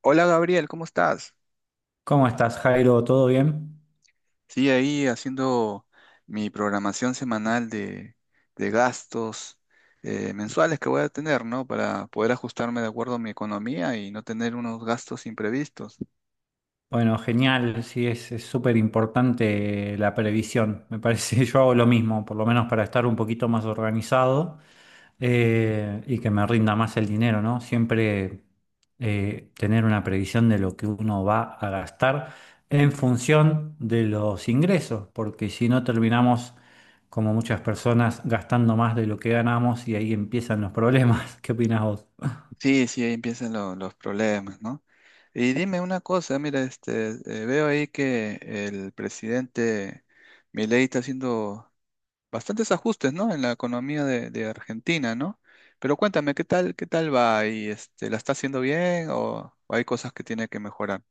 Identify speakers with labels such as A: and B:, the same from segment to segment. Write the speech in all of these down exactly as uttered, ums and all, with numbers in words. A: Hola Gabriel, ¿cómo estás?
B: ¿Cómo estás, Jairo? ¿Todo bien?
A: Sí, ahí haciendo mi programación semanal de, de gastos eh, mensuales que voy a tener, ¿no? Para poder ajustarme de acuerdo a mi economía y no tener unos gastos imprevistos.
B: Bueno, genial, sí, es es súper importante la previsión. Me parece, yo hago lo mismo, por lo menos para estar un poquito más organizado, eh, y que me rinda más el dinero, ¿no? Siempre eh, tener una previsión de lo que uno va a gastar en función de los ingresos, porque si no terminamos, como muchas personas, gastando más de lo que ganamos, y ahí empiezan los problemas. ¿Qué opinas vos?
A: Sí, sí, ahí empiezan lo- los problemas, ¿no? Y dime una cosa, mira, este, eh, veo ahí que el presidente Milei está haciendo bastantes ajustes, ¿no? En la economía de, de Argentina, ¿no? Pero cuéntame, ¿qué tal, qué tal va? ¿Y este, la está haciendo bien o hay cosas que tiene que mejorar?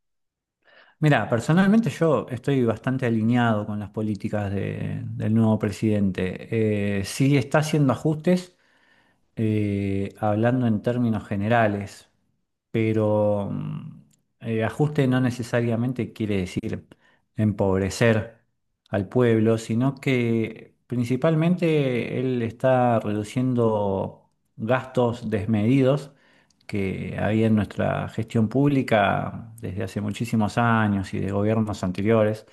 B: Mira, personalmente yo estoy bastante alineado con las políticas de- del nuevo presidente. Eh, sí está haciendo ajustes, eh, hablando en términos generales, pero mm, eh, ajuste no necesariamente quiere decir empobrecer al pueblo, sino que principalmente él está reduciendo gastos desmedidos que había en nuestra gestión pública desde hace muchísimos años y de gobiernos anteriores.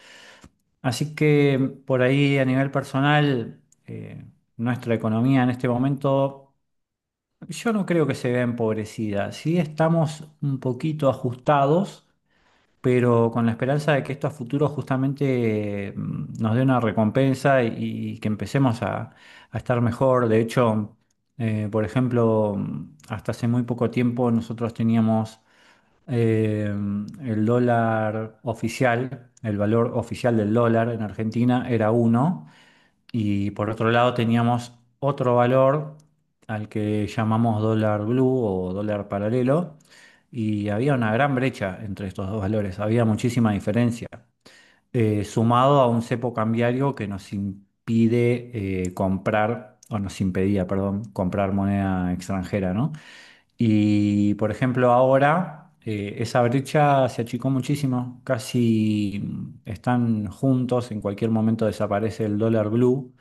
B: Así que por ahí a nivel personal, eh, nuestra economía en este momento yo no creo que se vea empobrecida. Sí estamos un poquito ajustados, pero con la esperanza de que esto a futuro justamente mm, nos dé una recompensa, y, y que empecemos a, a estar mejor. De hecho, eh, por ejemplo, mm, hasta hace muy poco tiempo nosotros teníamos eh, el dólar oficial. El valor oficial del dólar en Argentina era uno, y por otro lado teníamos otro valor al que llamamos dólar blue o dólar paralelo. Y había una gran brecha entre estos dos valores, había muchísima diferencia, eh, sumado a un cepo cambiario que nos impide eh, comprar, o nos impedía, perdón, comprar moneda extranjera, ¿no? Y por ejemplo, ahora eh, esa brecha se achicó muchísimo, casi mm, están juntos, en cualquier momento desaparece el dólar blue,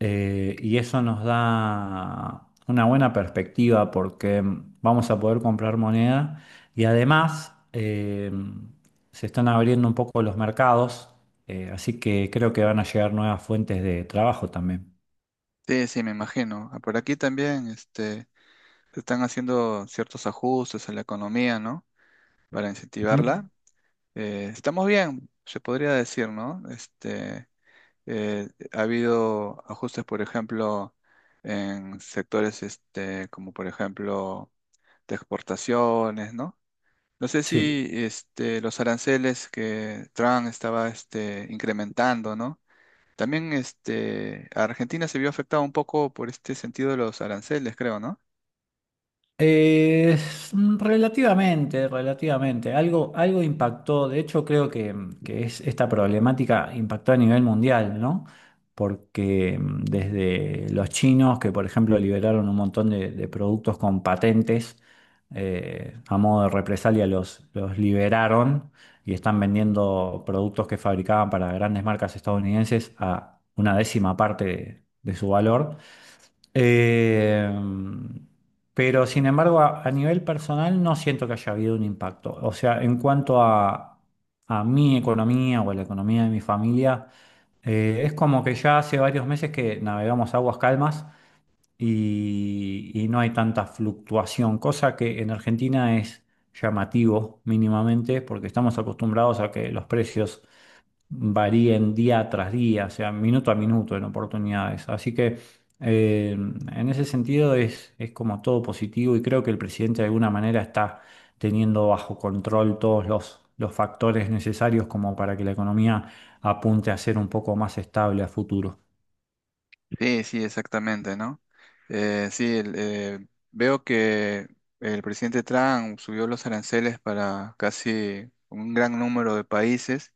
B: eh, y eso nos da una buena perspectiva, porque mm, vamos a poder comprar moneda. Y además, eh, se están abriendo un poco los mercados, eh, así que creo que van a llegar nuevas fuentes de trabajo también.
A: Sí, sí, me imagino. Ah, Por aquí también, este, se están haciendo ciertos ajustes en la economía, ¿no? Para
B: Ujú.
A: incentivarla. Eh, estamos bien, se podría decir, ¿no? Este, eh, ha habido ajustes, por ejemplo, en sectores, este, como por ejemplo de exportaciones, ¿no? No sé
B: Sí.
A: si este, los aranceles que Trump estaba este, incrementando, ¿no? También este, Argentina se vio afectada un poco por este sentido de los aranceles, creo, ¿no?
B: Eh, mm, Relativamente, relativamente. Algo, algo impactó. De hecho, creo que, mm, que es esta problemática, impactó a nivel mundial, ¿no? Porque mm, desde los chinos, que por ejemplo liberaron un montón de, de productos con patentes, eh, a modo de represalia los, los liberaron y están vendiendo productos que fabricaban para grandes marcas estadounidenses a una décima parte de de su valor. Eh, pero sin embargo, a, a nivel personal no siento que haya habido un impacto. O sea, en cuanto a, a mi economía o a la economía de mi familia, eh, es como que ya hace varios meses que navegamos aguas calmas, y, y no hay tanta fluctuación, cosa que en Argentina es llamativo mínimamente, porque estamos acostumbrados a que los precios varíen día tras día, o sea, minuto a minuto en oportunidades. Así que eh, en ese sentido es, es, como todo positivo, y creo que el presidente de alguna manera está teniendo bajo control todos los, los factores necesarios como para que la economía apunte a ser un poco más estable a futuro.
A: Sí, sí, exactamente, ¿no? Eh, sí, el- eh, veo que el presidente Trump subió los aranceles para casi un gran número de países.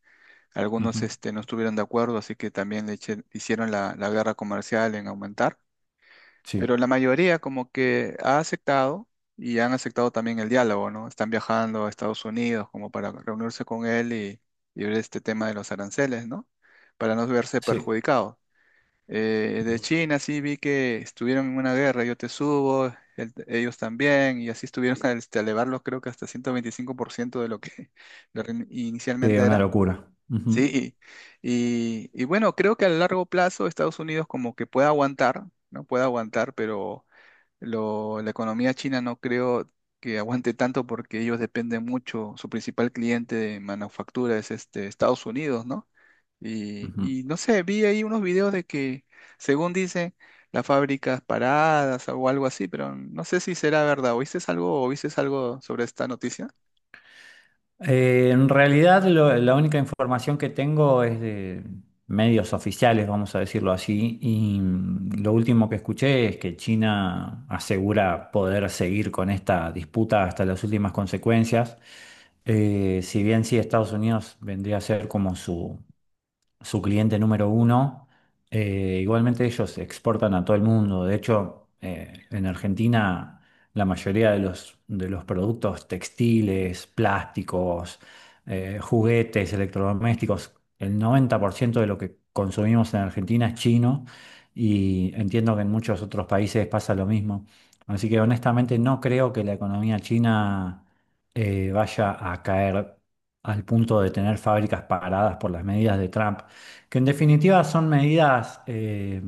A: Algunos
B: Ujú.
A: este, no estuvieron de acuerdo, así que también le eche- hicieron la, la guerra comercial en aumentar. Pero
B: Sí,
A: la mayoría como que ha aceptado y han aceptado también el diálogo, ¿no? Están viajando a Estados Unidos como para reunirse con él y, y ver este tema de los aranceles, ¿no? Para no verse
B: sí.
A: perjudicados. Eh, de
B: Ujú.
A: China sí vi que estuvieron en una guerra, yo te subo, el- ellos también, y así estuvieron a, este, a elevarlos creo que hasta ciento veinticinco por ciento de lo que lo que
B: Sí,
A: inicialmente
B: una
A: era.
B: locura. Ujú,
A: Sí, y, y bueno, creo que a largo plazo Estados Unidos como que puede aguantar, ¿no? Puede aguantar, pero lo- la economía china no creo que aguante tanto porque ellos dependen mucho, su principal cliente de manufactura es este, Estados Unidos, ¿no? Y,
B: ujú.
A: y no sé, vi ahí unos videos de que, según dicen, las fábricas paradas o algo así, pero no sé si será verdad. ¿Oíste algo o viste algo sobre esta noticia?
B: Eh, en realidad, lo- la única información que tengo es de medios oficiales, vamos a decirlo así, y mm, lo último que escuché es que China asegura poder seguir con esta disputa hasta las últimas consecuencias. Eh, si bien sí, Estados Unidos vendría a ser como su su cliente número uno. Eh, igualmente, ellos exportan a todo el mundo. De hecho, eh, en Argentina la mayoría de los, de los productos textiles, plásticos, eh, juguetes, electrodomésticos, el noventa por ciento de lo que consumimos en Argentina es chino, y entiendo que en muchos otros países pasa lo mismo. Así que honestamente no creo que la economía china eh, vaya a caer al punto de tener fábricas paradas por las medidas de Trump. Que en definitiva son medidas eh,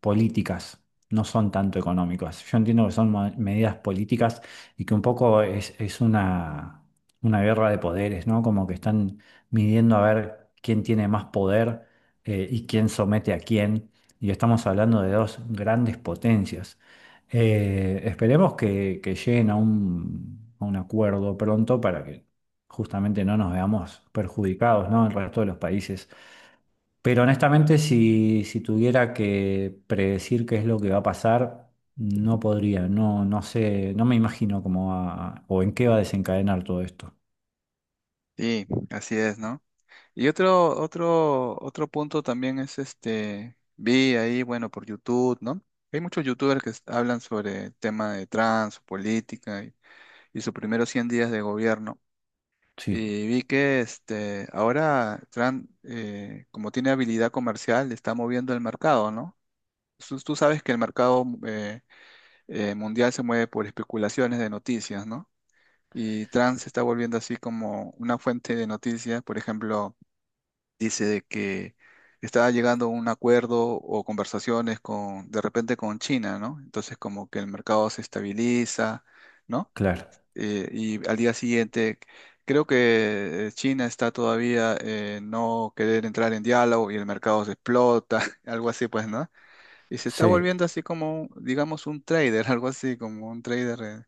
B: políticas, no son tanto económicas. Yo entiendo que son ma- medidas políticas, y que un poco es, es una, una guerra de poderes, ¿no? Como que están midiendo a ver quién tiene más poder, eh, y quién somete a quién. Y estamos hablando de dos grandes potencias. Eh, esperemos que, que lleguen a un, a un acuerdo pronto, para que justamente no nos veamos perjudicados, ¿no? El resto de los países. Pero honestamente, si, si tuviera que predecir qué es lo que va a pasar, no podría, no, no sé, no me imagino cómo va, o en qué va a desencadenar todo esto.
A: Sí, así es, ¿no? Y otro, otro, otro punto también es este, vi ahí, bueno, por YouTube, ¿no? Hay muchos youtubers que s- hablan sobre el tema de trans, política y, y sus primeros cien días de gobierno.
B: Sí,
A: Y vi que este, ahora Trump, eh, como tiene habilidad comercial, está moviendo el mercado, ¿no? Tú, tú sabes que el mercado mm, eh, eh, mundial se mueve por especulaciones de noticias, ¿no? Y Trump se está volviendo así como una fuente de noticias, por ejemplo dice de que estaba llegando a un acuerdo o conversaciones con, de repente con China, ¿no? Entonces como que el mercado se estabiliza, ¿no?
B: claro.
A: Eh, y al día siguiente, creo que eh, China está todavía eh, no querer entrar en diálogo y el mercado se explota, algo así pues, ¿no? Y se está
B: Sí,
A: volviendo así como, digamos, un trader, algo así como un trader. eh,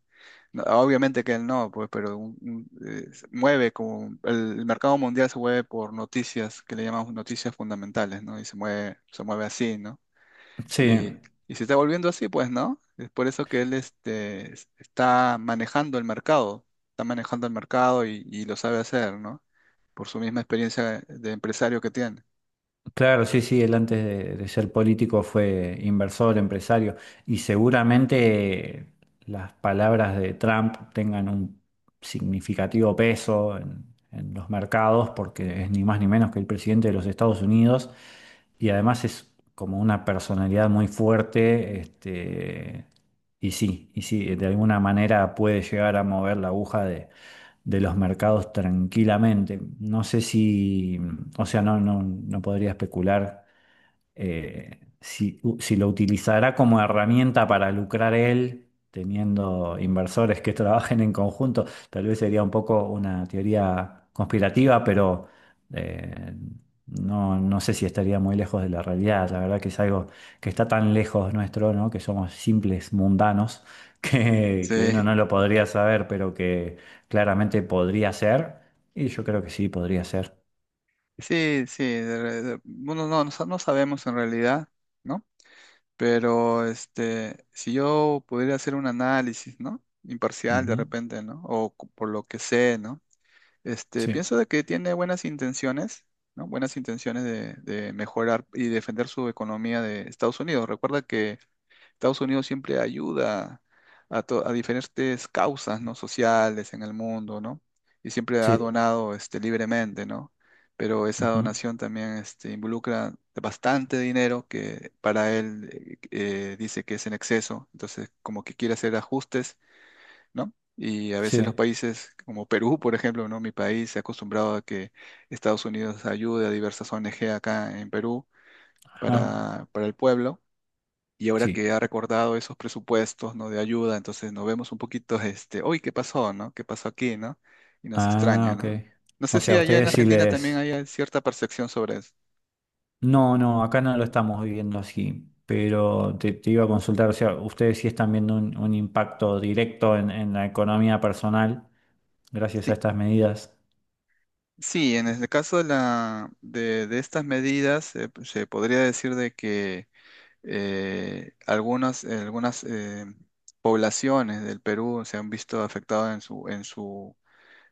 A: no, Obviamente que él no, pues, pero un- un, eh, se mueve como el, el mercado mundial se mueve por noticias que le llamamos noticias fundamentales, ¿no? Y se mueve, se mueve así, ¿no?
B: sí.
A: Y, y se está volviendo así, pues, ¿no? Es por eso que él este, es- está manejando el mercado, está manejando el mercado y, y lo sabe hacer, ¿no? Por su misma experiencia de empresario que tiene.
B: Claro, sí, sí, él antes de, de ser político fue inversor, empresario, y seguramente las palabras de Trump tengan un significativo peso en, en los mercados, porque es ni más ni menos que el presidente de los Estados Unidos, y además es como una personalidad muy fuerte, este, y sí, y sí, de alguna manera puede llegar a mover la aguja de los mercados tranquilamente. No sé si, o sea, no, no, no podría especular, eh, si, u- si lo utilizará como herramienta para lucrar él, teniendo inversores que trabajen en conjunto. Tal vez sería un poco una teoría conspirativa, pero eh, no, no sé si estaría muy lejos de la realidad. La verdad que es algo que está tan lejos nuestro, ¿no? Que somos simples mundanos, que, que uno
A: Sí,
B: no lo podría saber, pero que claramente podría ser. Y yo creo que sí, podría ser.
A: sí, sí. de re- de- bueno, no, no, sa- no sabemos en realidad, ¿no? Pero este, si yo pudiera hacer un análisis, ¿no? Imparcial de
B: Ujú.
A: repente, ¿no? O cu- por lo que sé, ¿no? Este,
B: Sí.
A: pienso de que tiene buenas intenciones, ¿no? Buenas intenciones de, de mejorar y defender su economía de Estados Unidos. Recuerda que Estados Unidos siempre ayuda a, to- a diferentes causas, ¿no? sociales en el mundo, ¿no? Y siempre ha
B: Sí.
A: donado este, libremente, ¿no? Pero esa
B: Ujú.
A: donación también este, involucra bastante dinero que para él eh, eh, dice que es en exceso, entonces como que quiere hacer ajustes, ¿no? Y a
B: Sí.
A: veces los países como Perú, por ejemplo, ¿no? Mi país se ha acostumbrado a que Estados Unidos ayude a diversas O N G acá en Perú
B: Ajá,
A: para, para el pueblo y ahora que
B: sí.
A: ha recordado esos presupuestos, ¿no? De ayuda, entonces nos vemos un poquito, este, uy, ¿qué pasó, no? ¿Qué pasó aquí, no? Y nos
B: Ah,
A: extraña,
B: ok.
A: ¿no? No sé
B: O sea,
A: si
B: a
A: allá en
B: ustedes sí
A: Argentina también
B: les.
A: hay cierta percepción sobre eso.
B: No, no, acá no lo estamos viviendo así, pero te, te iba a consultar. O sea, ustedes sí están viendo un, un impacto directo en, en la economía personal gracias a
A: Sí,
B: estas medidas.
A: sí, en el caso de, la, de, de estas medidas, eh, se podría decir de que eh, algunas, algunas eh, poblaciones del Perú se han visto afectadas en su, en su,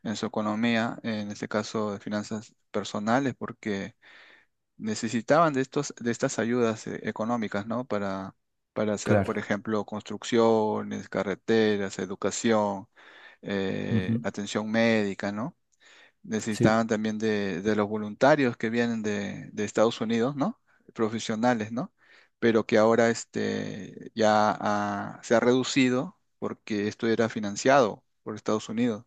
A: en su economía, en este caso de finanzas personales, porque necesitaban de estos, de estas ayudas eh, económicas, ¿no? Para, para hacer, por
B: Claro.
A: ejemplo, construcciones, carreteras, educación, eh,
B: Ujú.
A: atención médica, ¿no?
B: Sí,
A: Necesitaban también de, de los voluntarios que vienen de, de Estados Unidos, ¿no? Profesionales, ¿no? Pero que ahora este, ya ha- se ha reducido porque esto era financiado por Estados Unidos.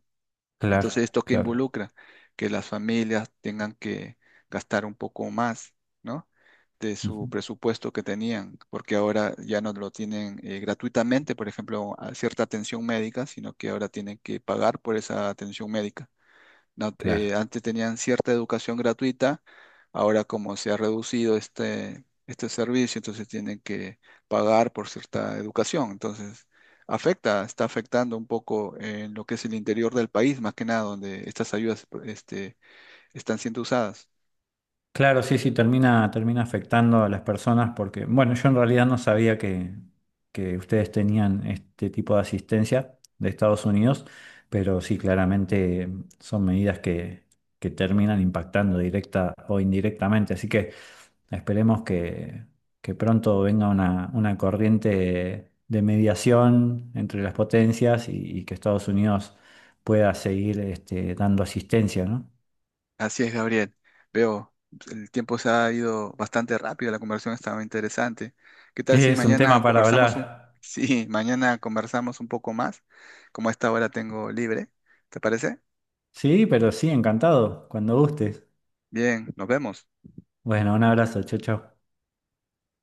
B: claro,
A: Entonces, ¿esto qué
B: claro,
A: involucra? Que las familias tengan que gastar un poco más, ¿no? De
B: ujú,
A: su presupuesto que tenían, porque ahora ya no lo tienen eh, gratuitamente, por ejemplo, a cierta atención médica, sino que ahora tienen que pagar por esa atención médica no- eh,
B: claro.
A: antes tenían cierta educación gratuita, ahora como se ha reducido este, este servicio, entonces tienen que pagar por cierta educación. Entonces, afecta, está afectando un poco en lo que es el interior del país, más que nada, donde estas ayudas este, están siendo usadas.
B: Claro, sí, sí, termina, termina afectando a las personas, porque, bueno, yo en realidad no sabía que, que ustedes tenían este tipo de asistencia de Estados Unidos, pero sí, claramente son medidas que, que terminan impactando directa o indirectamente. Así que esperemos que, que pronto venga una, una corriente de mediación entre las potencias, y, y que Estados Unidos pueda seguir este, dando asistencia, ¿no?
A: Así es, Gabriel. Veo, el tiempo se ha ido bastante rápido, la conversación estaba interesante. ¿Qué tal si
B: Es un tema
A: mañana
B: para
A: conversamos un...
B: hablar.
A: Sí, mañana conversamos un poco más, como a esta hora tengo libre, ¿te parece?
B: Sí, pero sí, encantado, cuando gustes.
A: Bien, nos vemos.
B: Bueno, un abrazo, chau, chau.